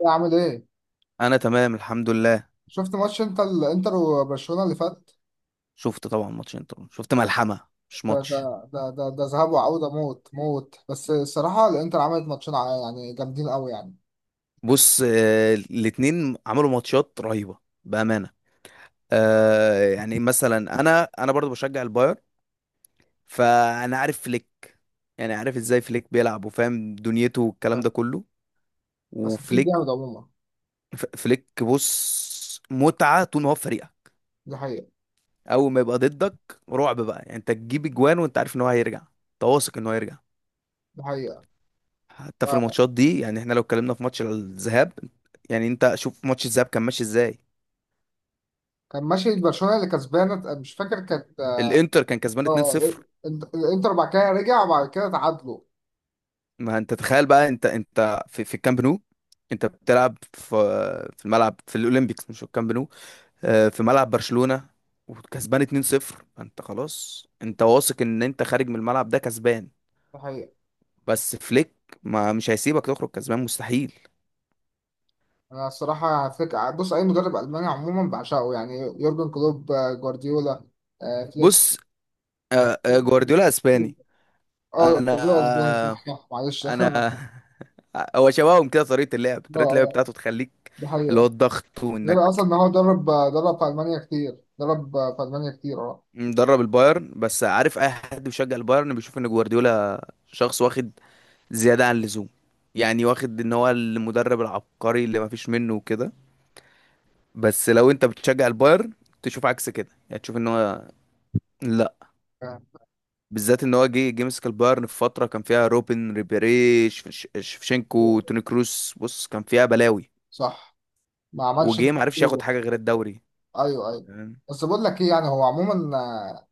يا عامل ايه؟ انا تمام الحمد لله. شفت ماتش انت الانتر وبرشلونة اللي فات؟ شفت طبعا ماتشين، طبعا شفت ملحمه مش ده ده ماتش. ده ذهاب وعودة، موت موت. بس الصراحة الانتر عملت ماتشين يعني جامدين قوي يعني. بص، الاتنين عملوا ماتشات رهيبه بامانه. يعني مثلا انا برضو بشجع الباير، فانا عارف فليك. يعني عارف ازاي فليك بيلعب وفاهم دنيته والكلام ده كله. بس فليك وفليك، جامد عموما. فليك بص متعه طول ما هو في فريقك. دي حقيقة. اول ما يبقى ضدك رعب بقى، يعني انت تجيب اجوان وانت عارف ان هو هيرجع، تواثق ان هو هيرجع. دي حقيقة. حتى في آه، الماتشات دي، يعني احنا لو اتكلمنا في ماتش الذهاب، يعني انت شوف ماتش الذهاب كان ماشي ازاي. كان ماشي برشلونة اللي كسبانة، مش فاكر كانت. الانتر كان كسبان اه. 2-0. الانتر بعد كده رجع، وبعد كده تعادلوا. ما انت تخيل بقى، انت في الكامب نو. انت بتلعب في في الملعب في الاولمبيكس، مش في الكامب نو. في ملعب برشلونة وكسبان 2-0. فانت خلاص انت واثق ان انت خارج من الملعب ده كسبان. ده حقيقة. بس فليك ما مش هيسيبك تخرج كسبان، مستحيل. انا الصراحة فكرة، بص اي مدرب الماني عموما بعشقه، يعني يورجن كلوب، آه، جوارديولا، آه، فليك بص، يعني. جوارديولا اسباني. اه انا جوارديولا اسباني، صح صح، معلش انا اه هو شبههم كده، طريقه اللعب، طريقه اللعب اه. بتاعته تخليك، ده اللي هو حقيقة. الضغط غير وانك اصلا ان هو درب، في المانيا كتير، درب في المانيا كتير اه. مدرب البايرن. بس عارف اي حد بيشجع البايرن بيشوف ان جوارديولا شخص واخد زياده عن اللزوم. يعني واخد ان هو المدرب العبقري اللي مفيش منه وكده. بس لو انت بتشجع البايرن تشوف عكس كده. يعني تشوف ان هو لا، بالذات ان هو جه مسك البايرن في فتره كان فيها روبن، ريبيري، شفشنكو، آه، توني كروس. بص كان فيها بلاوي. صح. ما عملش اللي وجه معرفش ياخد مطلوب. حاجه غير الدوري. ايوه ايوه. بس بقول لك ايه، يعني هو عموما، آه،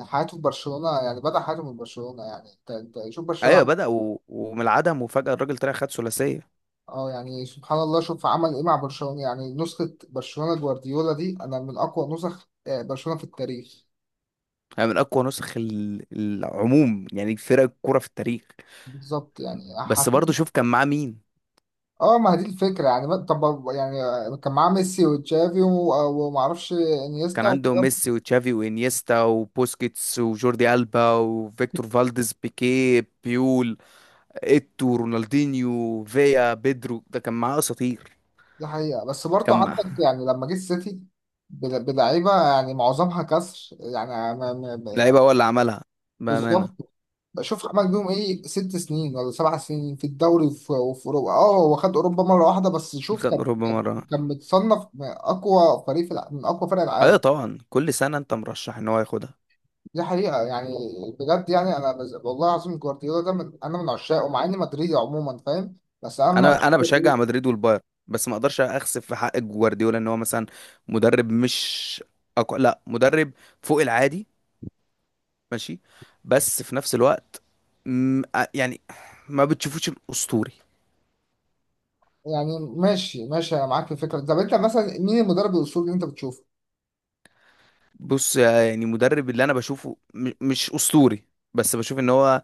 آه، حياته في برشلونة، يعني بدأ حياته من برشلونة. يعني انت شوف ايوه برشلونة. بدأ ومن العدم وفجأة الراجل طلع خد ثلاثية. اه يعني سبحان الله شوف عمل ايه مع برشلونة. يعني نسخة برشلونة جوارديولا دي انا من اقوى نسخ، برشلونة في التاريخ. يعني من اقوى نسخ العموم، يعني فرق الكوره في التاريخ. بالظبط. يعني بس برضه حسيت. شوف كان معاه مين. اه ما هي دي الفكرة، يعني طب يعني كان معاه ميسي وتشافي ومعرفش كان انيستا عنده وكده. ميسي وتشافي وانيستا وبوسكيتس وجوردي ألبا وفيكتور فالديز، بيكيه، بيول، ايتو، رونالدينيو، فيا، بيدرو. ده كان معاه اساطير. دي حقيقة. بس برضو كان عندك معاه يعني لما جه السيتي، بلعيبة يعني معظمها كسر يعني. لعيبه هو اللي عملها بامانه. بالظبط. بشوف عمل بيهم ايه، 6 سنين ولا 7 سنين في الدوري، وفي اوروبا. اه هو خد اوروبا مره واحده. بس شوف خد كان، اوروبا كان مره. متصنف اقوى فريق في من اقوى فرق ايوه العالم. طبعا، كل سنه انت مرشح ان هو ياخدها. دي حقيقه يعني. بجد، يعني انا والله العظيم جوارديولا ده، انا من عشاقه مع اني مدريدي عموما، فاهم؟ بس انا من عشاق انا بشجع جوارديولا. مدريد والبايرن، بس ما اقدرش اخسف في حق جوارديولا. ان هو مثلا مدرب مش لا، مدرب فوق العادي، ماشي. بس في نفس الوقت، م... آه، يعني ما بتشوفوش الاسطوري. يعني ماشي ماشي، انا معاك في الفكره. طب انت مثلا مين المدرب الاسطوري اللي انت بتشوفه؟ بص، يعني مدرب اللي انا بشوفه مش اسطوري، بس بشوف ان هو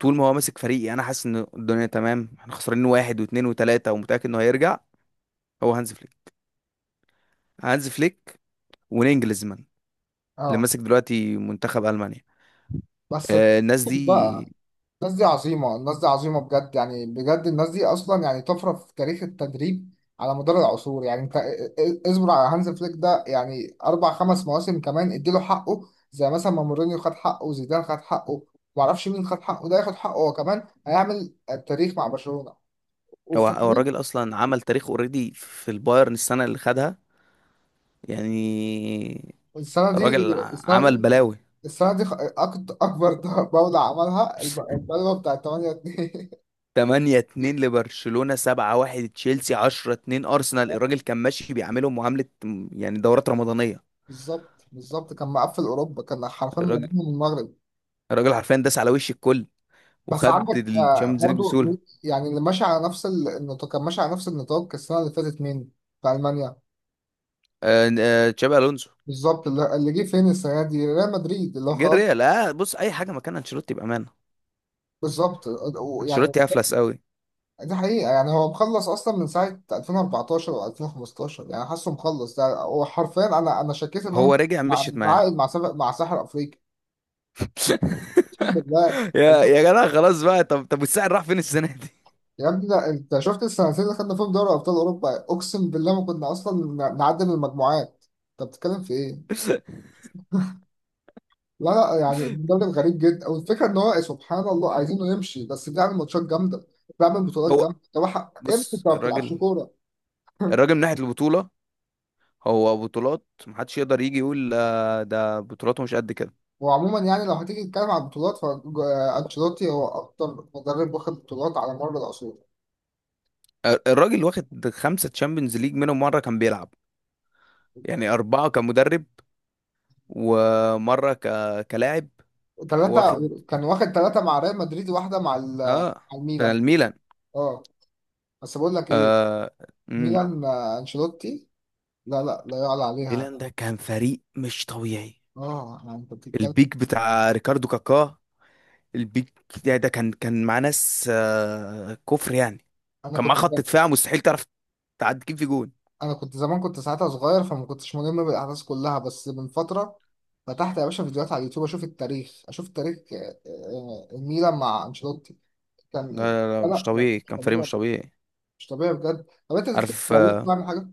طول ما هو ماسك فريقي انا حاسس ان الدنيا تمام. احنا خسرانين واحد واثنين وثلاثة، ومتأكد انه هيرجع. هو هانز فليك. هانز فليك ونينجلزمان اللي اه ماسك دلوقتي منتخب المانيا. بس الناس دي، بقى، الناس دي عظيمة، الناس دي عظيمة بجد، يعني بجد الناس دي أصلا يعني طفرة في تاريخ التدريب على مدار العصور. يعني أنت اصبر على هانز فليك ده، يعني أربع خمس مواسم كمان اديله حقه، زي مثلا ما مورينيو خد حقه وزيدان خد حقه. معرفش مين خد حقه، ده ياخد حقه هو كمان، هيعمل تاريخ مع برشلونة. هو وفي هو الحقيقة، الراجل اصلا عمل تاريخ اوريدي في البايرن السنه اللي خدها. يعني السنة دي الراجل السنة عمل دي بلاوي. السنة دي أكبر بولة عملها البلوة بتاعت 8-2 8-2 لبرشلونه، 7-1 تشيلسي، 10-2 ارسنال. الراجل كان ماشي بيعاملهم معامله يعني دورات رمضانيه. بالظبط بالظبط، كان مقفل أوروبا، كان حرفيا الراجل من المغرب. الراجل حرفيا داس على وش الكل بس وخد عندك آه، الشامبيونز ليج برضو، بسهوله. يعني اللي ماشي على نفس النطاق، كان ماشي على نفس النطاق السنة اللي فاتت مين؟ في ألمانيا. تشابي الونسو. بالظبط. اللي جه فين السنة دي، ريال مدريد اللي هو جه خلاص. الريال، آه، بص اي حاجه مكان انشيلوتي بامانه. بالظبط يعني. انشيلوتي افلس قوي. دي حقيقة، يعني هو مخلص أصلا من ساعة 2014 و 2015، يعني حاسه مخلص. ده هو حرفيا، أنا شكيت إن هو هو رجع، مشيت معاه. متعاقد مع سبق، مع ساحر أفريقيا. أقسم بالله. يا يا جدع خلاص بقى، طب طب والسعر راح فين السنه دي؟ يا ابني، ده أنت شفت السنتين اللي خدنا فيهم دوري أبطال أوروبا؟ أقسم بالله ما كنا أصلا نعدي من المجموعات. أنت بتتكلم في إيه؟ لا يعني المدرب غريب جدا، والفكره ان هو سبحان الله، عايزينه يمشي بس بيعمل ماتشات جامده، بيعمل بطولات هو جامده. طب امشي انت، بص، ما بتلعبش الراجل كوره. الراجل من ناحية البطولة، هو بطولات محدش يقدر يجي يقول ده بطولاته مش قد كده. وعموما يعني لو هتيجي تتكلم عن البطولات، فانشيلوتي هو اكتر مدرب واخد بطولات على مر العصور. الراجل واخد خمسة تشامبيونز ليج، منهم مرة كان بيلعب. يعني أربعة كمدرب، ومرة كلاعب. ثلاثه. واخد. كان واخد ثلاثه مع ريال مدريد، واحده مع اه مع الميلان. الميلان. اه. بس بقول لك ايه. آه... مم. ميلان، آه، انشيلوتي، لا لا لا يعلى عليها. ميلان ده كان فريق مش طبيعي. اه يعني انت بتتكلم. البيك بتاع ريكاردو كاكا، البيك ده كان كان مع ناس، كفر يعني. انا كان معاه كنت خط دفاع مستحيل تعرف تعدي كيف في جون. انا كنت زمان، كنت ساعتها صغير فما كنتش ملم بالاحداث كلها، بس من فتره فتحت يا باشا فيديوهات على اليوتيوب، اشوف التاريخ، اشوف تاريخ الميلان مع انشيلوتي. لا كان لا لا، مش لا، طبيعي، مش كان فريق طبيعي. مش طبيعي. مش طبيعي بجد. طب انت تفتكر عارف، معلول مش هيعمل حاجه؟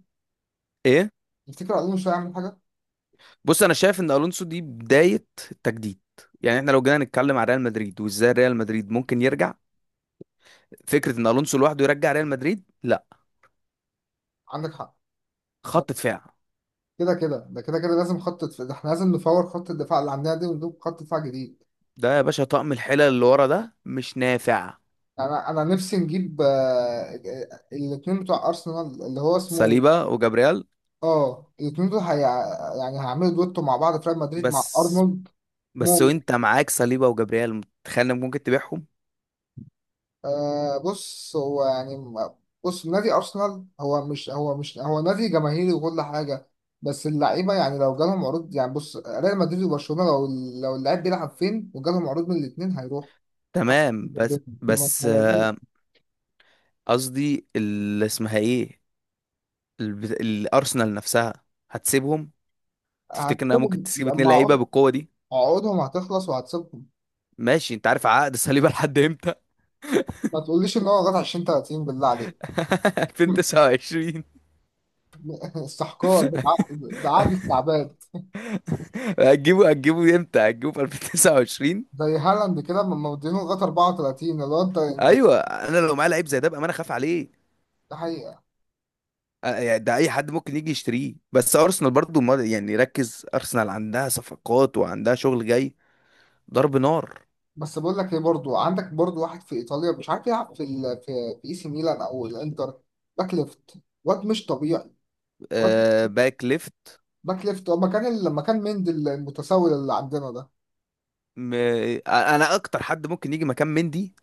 ايه. تفتكر معلول مش هيعمل حاجه؟ بص انا شايف ان الونسو دي بدايه التجديد. يعني احنا لو جينا نتكلم عن ريال مدريد وازاي ريال مدريد ممكن يرجع، فكره ان الونسو لوحده يرجع ريال مدريد، لا. عندك حق. صح. خط دفاع، كده كده، ده كده كده لازم ده احنا لازم نفور خط الدفاع اللي عندنا دي ونجيب خط دفاع جديد. ده يا باشا طقم الحلل اللي ورا ده مش نافع. انا نفسي نجيب الاثنين بتوع ارسنال اللي هو اسمه. صليبا وجابريال. اه الاتنين دول، يعني هيعملوا دويتو مع بعض في ريال مدريد مع بس ارنولد. بس مو. وانت معاك صليبا وجابريال تخيل إنك ممكن تبيعهم. آه بص هو يعني بص نادي ارسنال هو، مش هو نادي جماهيري وكل حاجه. بس اللعيبه يعني لو جالهم عروض، يعني بص ريال مدريد وبرشلونه، لو اللعيب بيلعب فين وجالهم عروض من الاثنين هيروح. حتى تمام بس، ب- بس بمبلغ- قصدي اللي اسمها ايه، الارسنال نفسها هتسيبهم؟ تفتكر انها ممكن هتسيبهم تسيب اتنين لما لعيبه بالقوه دي؟ عقودهم هتخلص وهتسيبهم. ماشي انت عارف عقد صليبه لحد امتى؟ ما تقوليش ان هو غلط 20 30، بالله عليك. 2029. استحقار، ده عقد، ده عقد استعباد. هتجيبه هتجيبه امتى؟ هتجيبه في 2029؟ زي هالاند كده لما مدينه لغايه 34، اللي هو انت انت. ايوه انا لو معايا لعيب زي ده بقى انا خاف عليه. ده حقيقه. يعني ده اي حد ممكن يجي يشتريه. بس ارسنال برضو يعني ركز، ارسنال عندها صفقات وعندها شغل جاي، ضرب نار. بس بقول لك ايه، برضو عندك برضو واحد في ايطاليا مش عارف يلعب في في اي سي ميلان او الانتر. باك ليفت. واد مش طبيعي. واد. آه باك ليفت. باك ليفت هو مكان لما كان مندي المتسول اللي عندنا ده. م... انا اكتر حد ممكن يجي مكان مندي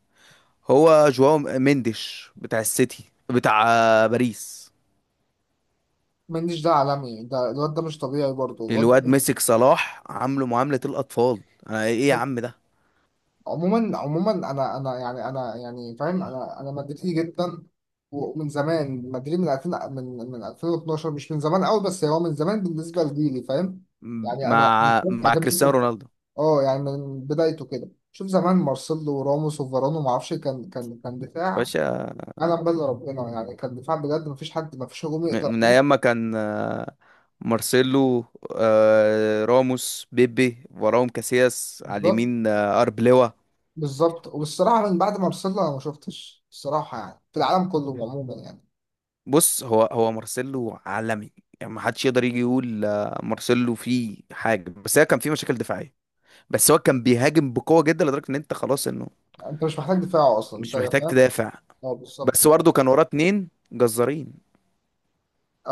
هو جواو مندش بتاع السيتي، بتاع باريس. منديش ده عالمي، ده الواد ده مش طبيعي، برضو الواد الواد مسك صلاح عامله معاملة الأطفال. أنا إيه يا ده. عم ده؟ عموما عموما، انا انا يعني يعني فاهم، انا مدريدي جدا، ومن زمان مدريد، من 2000، من 2012. مش من زمان قوي، بس هو من زمان بالنسبه لجيلي، فاهم؟ يعني انا. مع مع كريستيانو عجبني. رونالدو، اه يعني من بدايته كده، شوف زمان مارسيلو وراموس وفاران وما اعرفش، كان يا دفاع. باشا. انا بل ربنا يعني كان دفاع بجد، ما فيش حد، ما فيش هجوم يقدر من أيام عليه. ما كان مارسيلو، راموس، بيبي، وراهم كاسياس، على بالظبط. اليمين أربلوا. بالظبط. وبالصراحه من بعد مارسيلو انا ما شفتش الصراحه، يعني في العالم كله عموما يعني. بص هو هو مارسيلو عالمي. يعني ما حدش يقدر يجي يقول مارسيلو فيه حاجة. بس هي كان فيه مشاكل دفاعية، بس هو كان بيهاجم بقوة جدا لدرجة إن أنت خلاص إنه انت مش محتاج دفاع اصلا انت. مش محتاج تدافع. اه بالظبط. بس برضه كان وراه اتنين جزارين.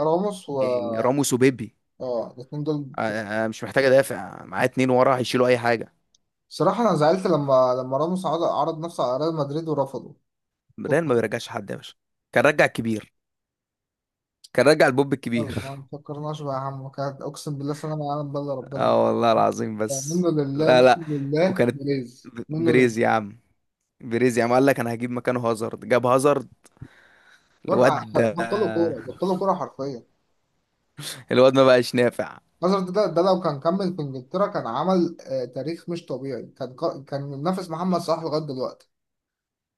راموس و. راموس وبيبي. اه الاثنين دول. أنا مش محتاج ادافع، معاه اتنين ورا هيشيلوا اي حاجه. صراحة أنا زعلت لما، راموس عرض نفسه على ريال مدريد ورفضه. كنت. ريال ما بيرجعش حد يا باشا، كان رجع الكبير، كان رجع البوب مختار، ما الكبير. فكرناش بقى يا عم. كانت، أقسم بالله، سلام على عالم بلا ربنا. اه والله العظيم، بس منه لله، لا لا. منه لله وكانت، بليز، منه لله. بريز يا عم، بريز يا عم قال لك انا هجيب مكانه هازارد، جاب هازارد. وقع- الواد، بطلوا كورة، بطلوا كورة حرفيا. الواد ما بقاش نافع. مثلا ده لو كان كمل في إنجلترا كان عمل تاريخ مش طبيعي، كان. كان منافس محمد صلاح لغاية دلوقتي.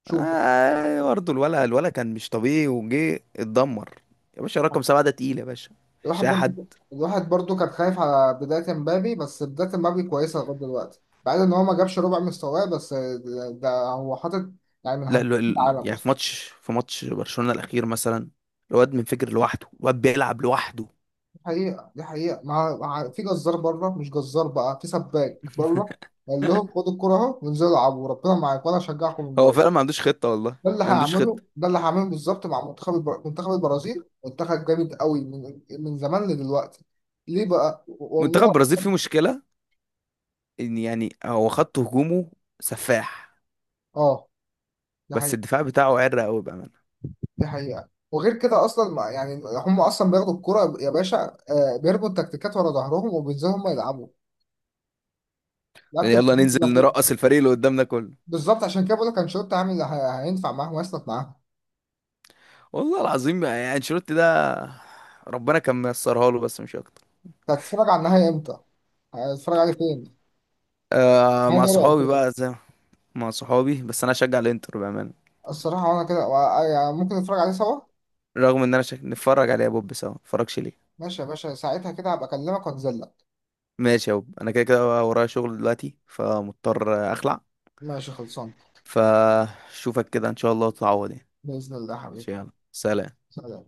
شوف. آه برضه الولا كان مش طبيعي، وجه اتدمر. يا باشا رقم سبعة ده تقيل يا باشا، مش الواحد اي حد. برضو، الواحد برضو كان خايف على بداية مبابي، بس بداية مبابي كويسة لغاية دلوقتي، بعد ان هو ما جابش ربع مستواه. بس ده هو حاطط، يعني من لا هداف العالم يعني في اصلا. ماتش، في ماتش برشلونة الأخير مثلا، الواد منفجر لوحده، الواد بيلعب لوحده. دي حقيقة. دي حقيقة. مع، في جزار بره، مش جزار بقى، في سباك بره. قال لهم خدوا الكرة اهو وانزلوا العبوا، ربنا معاكم وانا هشجعكم من هو بره. فعلا ما عندوش خطة، والله ده اللي ما عندوش هيعمله، خطة. ده اللي هعمله بالظبط، مع منتخب منتخب البرازيل. منتخب جامد قوي، من، زمان لدلوقتي. ليه بقى منتخب والله. البرازيل فيه مشكلة، إن يعني هو خط هجومه سفاح، اه. ده بس الدفاع بتاعه عرق قوي بأمانة. دي حقيقة. وغير كده اصلا يعني هم اصلا بياخدوا الكرة يا باشا، بيرموا التكتيكات ورا ظهرهم وبينزلوا هم يلعبوا. لعبت يعني ال- يلا ننزل نرقص الفريق اللي قدامنا كله. بالظبط، عشان كده بقول لك انشيلوتي عامل اللي هينفع معاهم ويسند معاهم. والله العظيم يعني انشيلوتي ده ربنا كان ميسرها له بس مش أكتر. أنت هتتفرج على النهائي امتى؟ هتتفرج عليه فين؟ آه نهائي مع دوري صحابي الابطال. بقى، زي مع صحابي. بس أنا أشجع الإنتر بأمانة، الصراحة وانا كده آه، يعني ممكن نتفرج عليه سوا. رغم إن أنا نتفرج عليه يا بوب سوا، نتفرجش ليه؟ ماشي يا باشا، ساعتها كده هبقى اكلمك وانزل لك. ماشي يا وب. انا كده كده ورايا شغل دلوقتي، فمضطر اخلع. ماشي خلصان. فشوفك كده ان شاء الله، وتتعوض يعني. بإذن الله يا ماشي، حبيبي. يلا سلام. سلام.